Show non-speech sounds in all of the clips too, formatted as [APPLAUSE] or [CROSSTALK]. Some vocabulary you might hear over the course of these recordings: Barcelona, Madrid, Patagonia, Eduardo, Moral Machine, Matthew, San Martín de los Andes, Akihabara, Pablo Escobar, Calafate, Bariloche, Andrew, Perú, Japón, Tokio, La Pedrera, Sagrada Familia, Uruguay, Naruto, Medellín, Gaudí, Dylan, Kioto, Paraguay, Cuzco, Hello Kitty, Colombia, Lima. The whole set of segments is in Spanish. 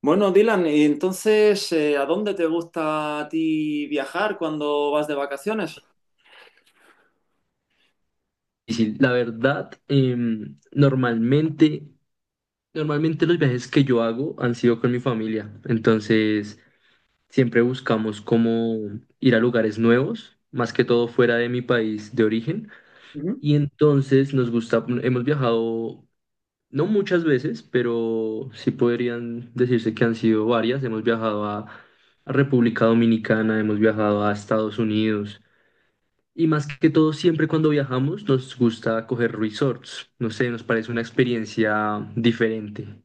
Bueno, Dylan, y entonces, ¿a dónde te gusta a ti viajar cuando vas de vacaciones? Difícil. La verdad, normalmente los viajes que yo hago han sido con mi familia. Entonces, siempre buscamos cómo ir a lugares nuevos, más que todo fuera de mi país de origen. Ujú. Y entonces nos gusta, hemos viajado, no muchas veces, pero sí podrían decirse que han sido varias. Hemos viajado a República Dominicana, hemos viajado a Estados Unidos. Y más que todo, siempre cuando viajamos nos gusta coger resorts. No sé, nos parece una experiencia diferente.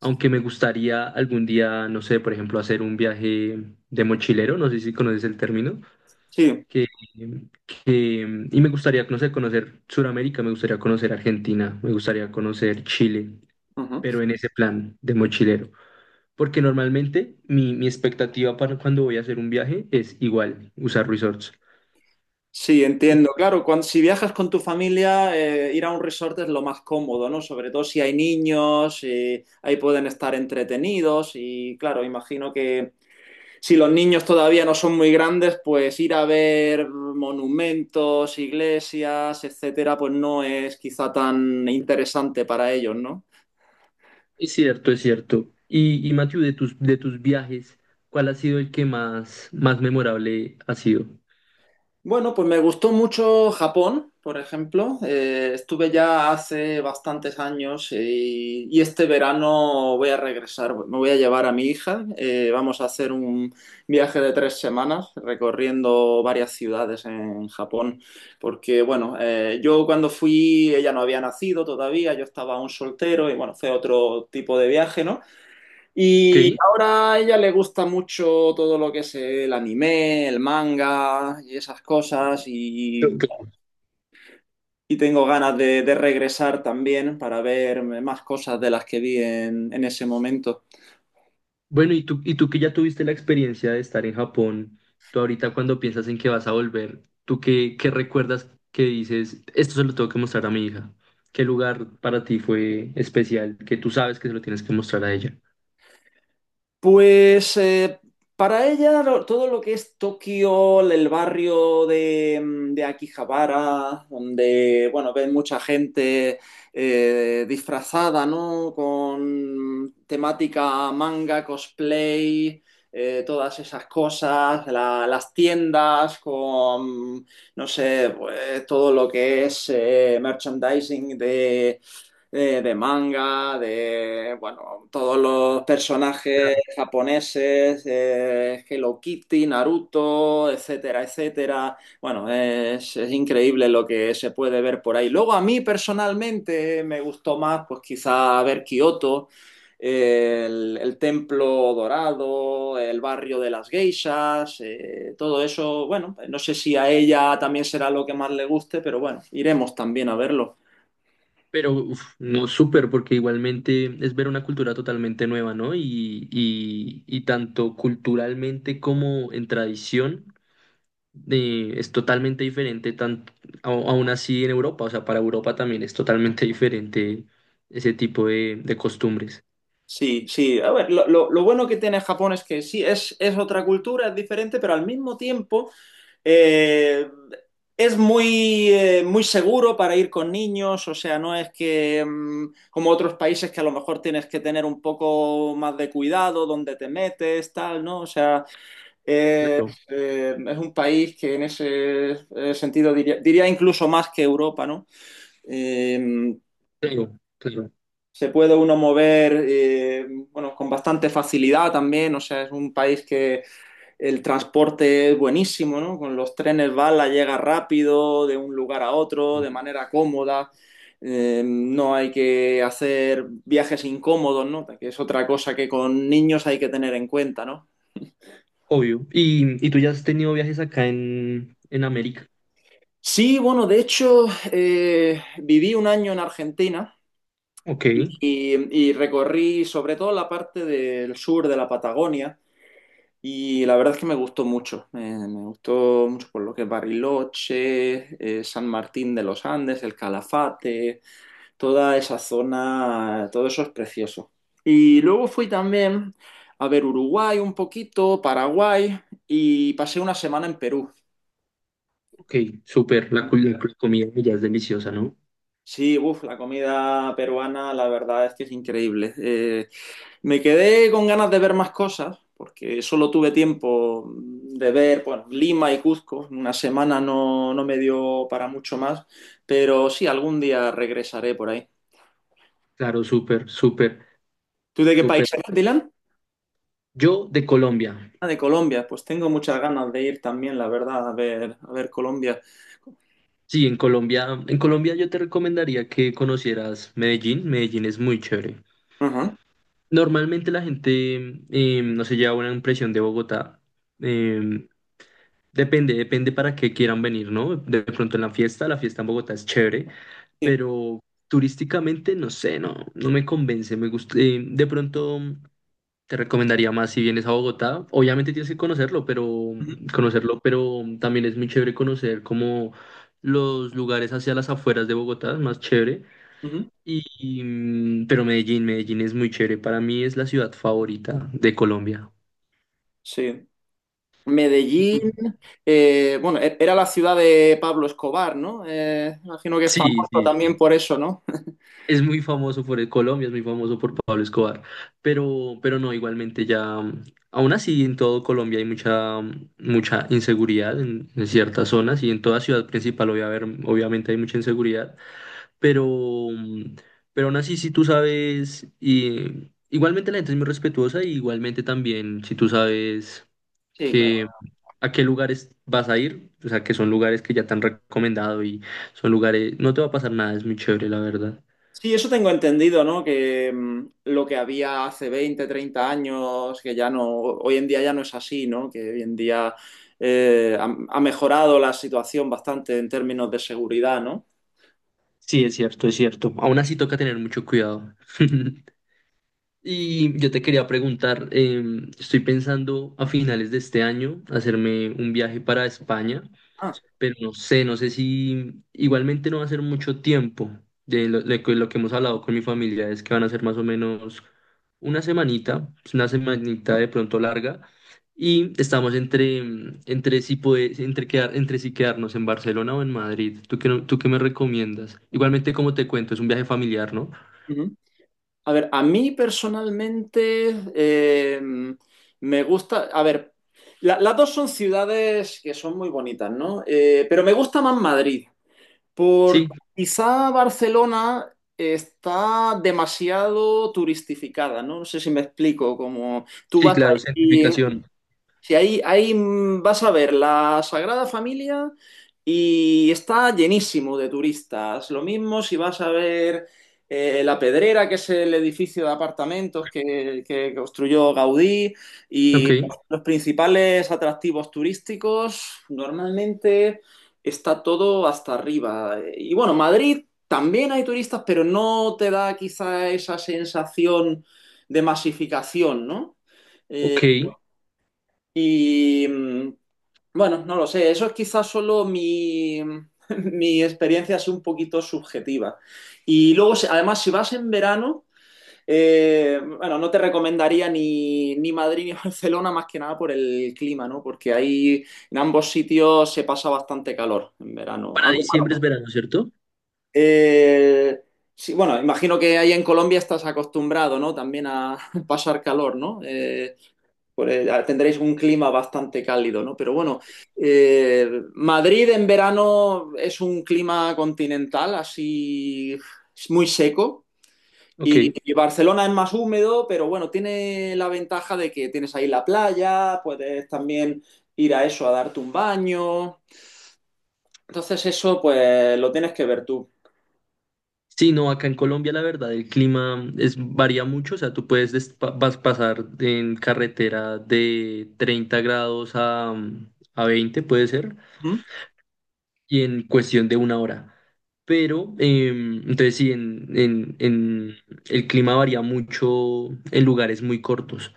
Aunque me gustaría algún día, no sé, por ejemplo, hacer un viaje de mochilero, no sé si conoces el término, Sí. que, y me gustaría, no sé, conocer Sudamérica, me gustaría conocer Argentina, me gustaría conocer Chile, Ujú. pero en ese plan de mochilero. Porque normalmente mi expectativa para cuando voy a hacer un viaje es igual, usar resorts. Sí, entiendo. Claro, cuando, si viajas con tu familia, ir a un resort es lo más cómodo, ¿no? Sobre todo si hay niños, ahí pueden estar entretenidos y claro, imagino que si los niños todavía no son muy grandes, pues ir a ver monumentos, iglesias, etcétera, pues no es quizá tan interesante para ellos, ¿no? Es cierto, es cierto. Y Matthew, de tus viajes, ¿cuál ha sido el que más memorable ha sido? Bueno, pues me gustó mucho Japón, por ejemplo. Estuve ya hace bastantes años y este verano voy a regresar. Me voy a llevar a mi hija. Vamos a hacer un viaje de tres semanas recorriendo varias ciudades en Japón. Porque, bueno, yo cuando fui, ella no había nacido todavía, yo estaba aún soltero y, bueno, fue otro tipo de viaje, ¿no? Ok. Y ahora a ella le gusta mucho todo lo que es el anime, el manga y esas cosas. Ok. Y tengo ganas de regresar también para ver más cosas de las que vi en ese momento. Bueno, y tú que ya tuviste la experiencia de estar en Japón, tú ahorita cuando piensas en que vas a volver, ¿tú qué, qué recuerdas que dices, esto se lo tengo que mostrar a mi hija? ¿Qué lugar para ti fue especial que tú sabes que se lo tienes que mostrar a ella? Pues para ella todo lo que es Tokio, el barrio de, de Akihabara, donde bueno, ven mucha gente disfrazada, ¿no? Con temática manga, cosplay, todas esas cosas, las tiendas con, no sé, pues, todo lo que es merchandising de manga, de, bueno, todos los personajes japoneses, Hello Kitty, Naruto, etcétera, etcétera. Bueno, es increíble lo que se puede ver por ahí. Luego a mí personalmente me gustó más, pues quizá ver Kioto. El el templo dorado, el barrio de las geishas, todo eso, bueno, no sé si a ella también será lo que más le guste, pero bueno, iremos también a verlo. Pero uf, no súper, porque igualmente es ver una cultura totalmente nueva, ¿no? Y tanto culturalmente como en tradición es totalmente diferente, aún así en Europa, o sea, para Europa también es totalmente [LAUGHS] diferente ese tipo de costumbres. Sí, sí. A ver, lo bueno que tiene Japón es que sí, es otra cultura, es diferente, pero al mismo tiempo eh, es muy, muy seguro para ir con niños, o sea, no es que mm, como otros países que a lo mejor tienes que tener un poco más de cuidado donde te metes, tal, ¿no? O sea, eh, Claro, es un país que en ese sentido diría, diría incluso más que Europa, ¿no? Eh, claro, claro, Se puede uno mover bueno, con bastante facilidad también, o sea, es un país que el transporte es buenísimo, ¿no? Con los trenes bala llega rápido de un lugar a otro, de manera cómoda, no hay que hacer viajes incómodos, ¿no? Que es otra cosa que con niños hay que tener en cuenta, ¿no? obvio. Y tú ya has tenido viajes acá en América? Sí, bueno, de hecho, viví un año en Argentina Ok, y recorrí sobre todo la parte del sur de la Patagonia. Y la verdad es que me gustó mucho por lo que es Bariloche, San Martín de los Andes, el Calafate, toda esa zona, todo eso es precioso. Y luego fui también a ver Uruguay un poquito, Paraguay y pasé una semana en Perú. ok, súper, la comida ya es deliciosa, ¿no? Sí, uf, la comida peruana la verdad es que es increíble. Me quedé con ganas de ver más cosas, porque solo tuve tiempo de ver, bueno, Lima y Cuzco. Una semana no, no me dio para mucho más, pero sí, algún día regresaré por ahí. Claro, súper, súper. ¿Tú de qué país Súper. eres, Dylan? Yo de Colombia. Ah, de Colombia. Pues tengo muchas ganas de ir también, la verdad, a ver Colombia. Sí, en Colombia yo te recomendaría que conocieras Medellín. Medellín es muy chévere. Ajá. Normalmente la gente no se lleva una impresión de Bogotá. Eh, depende para qué quieran venir, ¿no? De pronto en la fiesta en Bogotá es chévere, Sí. pero turísticamente no sé, no, no me convence. Me gusta, de pronto. Te recomendaría más si vienes a Bogotá. Obviamente tienes que conocerlo, pero Ujú, conocerlo, pero también es muy chévere conocer como los lugares hacia las afueras de Bogotá, es más chévere. ujú. Pero Medellín es muy chévere. Para mí es la ciudad favorita de Colombia. Sí. ¿Y Medellín, tú? Bueno, era la ciudad de Pablo Escobar, ¿no? Imagino que está Sí, muerto sí, también por eso, ¿no? [LAUGHS] es muy famoso por el Colombia, es muy famoso por Pablo Escobar, pero no, igualmente ya, aún así en todo Colombia hay mucha inseguridad en ciertas zonas y en toda ciudad principal obviamente hay mucha inseguridad, pero, mm, pero aún así si tú sabes, y, igualmente la gente es muy respetuosa y igualmente también si tú sabes Sí, claro. que a qué lugares vas a ir, o sea que son lugares que ya te han recomendado y son lugares, no te va a pasar nada, es muy chévere la verdad. Sí, eso tengo entendido, ¿no? Que mm, lo que había hace 20, 30 años, que ya no, hoy en día ya no es así, ¿no? Que hoy en día eh, ha, ha mejorado la situación bastante en términos de seguridad, ¿no? Sí, es cierto, es cierto. Aún así toca tener mucho cuidado. [LAUGHS] Y yo te quería preguntar, estoy pensando a finales de este año hacerme un viaje para España, Ah, pero no sé, no sé si igualmente no va a ser mucho tiempo. De lo, de que- lo que hemos hablado con mi familia es que van a ser más o menos una semanita, pues, una semanita de pronto larga, y estamos entre, mm, entre si puede- entre quedar, entre si quedarnos en Barcelona o en Madrid. ¿Tú qué, no- tú qué me recomiendas? Igualmente, como te cuento, es un viaje familiar, ¿no? ujú. A ver, a mí personalmente me gusta, a ver, las dos son ciudades que son muy bonitas, ¿no? Pero me gusta más Madrid. Por Sí, quizá Barcelona está demasiado turistificada, ¿no? No sé si me explico, como tú sí, vas claro, aquí certificación. si ahí mm, vas a ver la Sagrada Familia y está llenísimo de turistas. Lo mismo si vas a ver La Pedrera, que es el edificio de apartamentos que construyó Gaudí, Ok, y los principales atractivos turísticos, normalmente está todo hasta arriba. Y bueno, Madrid también hay turistas, pero no te da quizá esa sensación de masificación, ¿no? Eh, ok. y mm, bueno, no lo sé, eso es quizás solo mi, [LAUGHS] mi experiencia es un poquito subjetiva. Y luego, además, si vas en verano, bueno, no te recomendaría ni, ni Madrid ni [LAUGHS] Barcelona más que nada por el clima, ¿no? Porque ahí en ambos sitios se pasa bastante calor en verano. Para Aunque, diciembre es verano, ¿cierto? eh, sí, bueno, imagino que ahí en Colombia estás acostumbrado, ¿no? También a [LAUGHS] pasar calor, ¿no? Por tendréis un clima bastante cálido, ¿no? Pero bueno, eh, Madrid en verano es un clima continental, así es muy seco. Ok. Y Barcelona es más húmedo, pero bueno, tiene la ventaja de que tienes ahí la playa, puedes también ir a eso, a darte un baño. Entonces eso, pues lo tienes que ver tú. Sí, no, acá en Colombia la verdad el clima es, varía mucho, o sea, tú puedes pasar en carretera de 30 grados a 20 puede ser, ¿Mm? y en cuestión de una hora. Pero, entonces sí, el clima varía mucho en lugares muy cortos,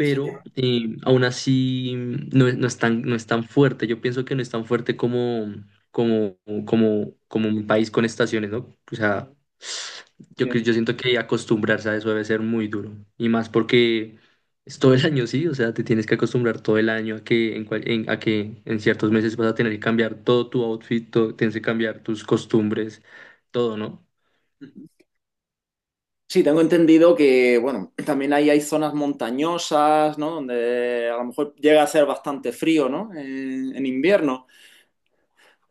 Sí. Aún así no es tan fuerte. Yo pienso que no es tan fuerte como, como, como un país con estaciones, ¿no? O sea, yo siento que acostumbrarse a eso debe ser muy duro. Y más porque es todo el año, sí, o sea, te tienes que acostumbrar todo el año a que en ciertos meses vas a tener que cambiar todo tu outfit, tienes que cambiar tus costumbres, todo, ¿no? Sí. Sí, tengo entendido que, bueno, también ahí hay zonas montañosas, ¿no? Donde a lo mejor llega a ser bastante frío, ¿no? En invierno.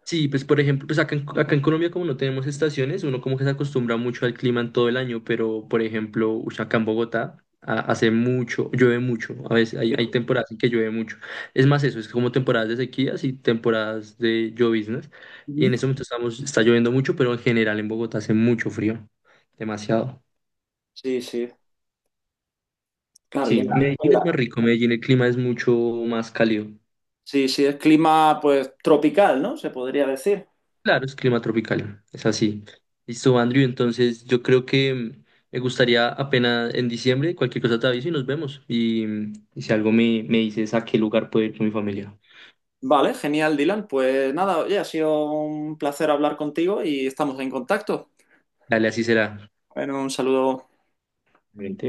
Sí, pues por ejemplo, pues acá en Colombia como no tenemos estaciones, uno como que se acostumbra mucho al clima en todo el año, pero por ejemplo, ush, acá en Bogotá hace mucho, llueve mucho, a veces hay Pero... temporadas en que llueve mucho. Es más eso, es como temporadas de sequías y temporadas de lloviznas. Y en Ujú. ese momento estamos, está lloviendo mucho, pero en general en Bogotá hace mucho frío, demasiado. Sí, sí, claro. Sí, en Medellín es la- más rico, Medellín el clima es mucho más cálido. Sí, sí, es clima, pues, tropical, ¿no? Se podría decir. Claro, es clima tropical, es así. Listo, Andrew, entonces yo creo que me gustaría apenas en diciembre, cualquier cosa te aviso y nos vemos. Y si algo me dices a qué lugar puedo ir con mi familia. Vale, genial, Dylan. Pues nada, oye, ha sido un placer hablar contigo y estamos en contacto. Dale, así será. Bueno, un saludo. Obviamente.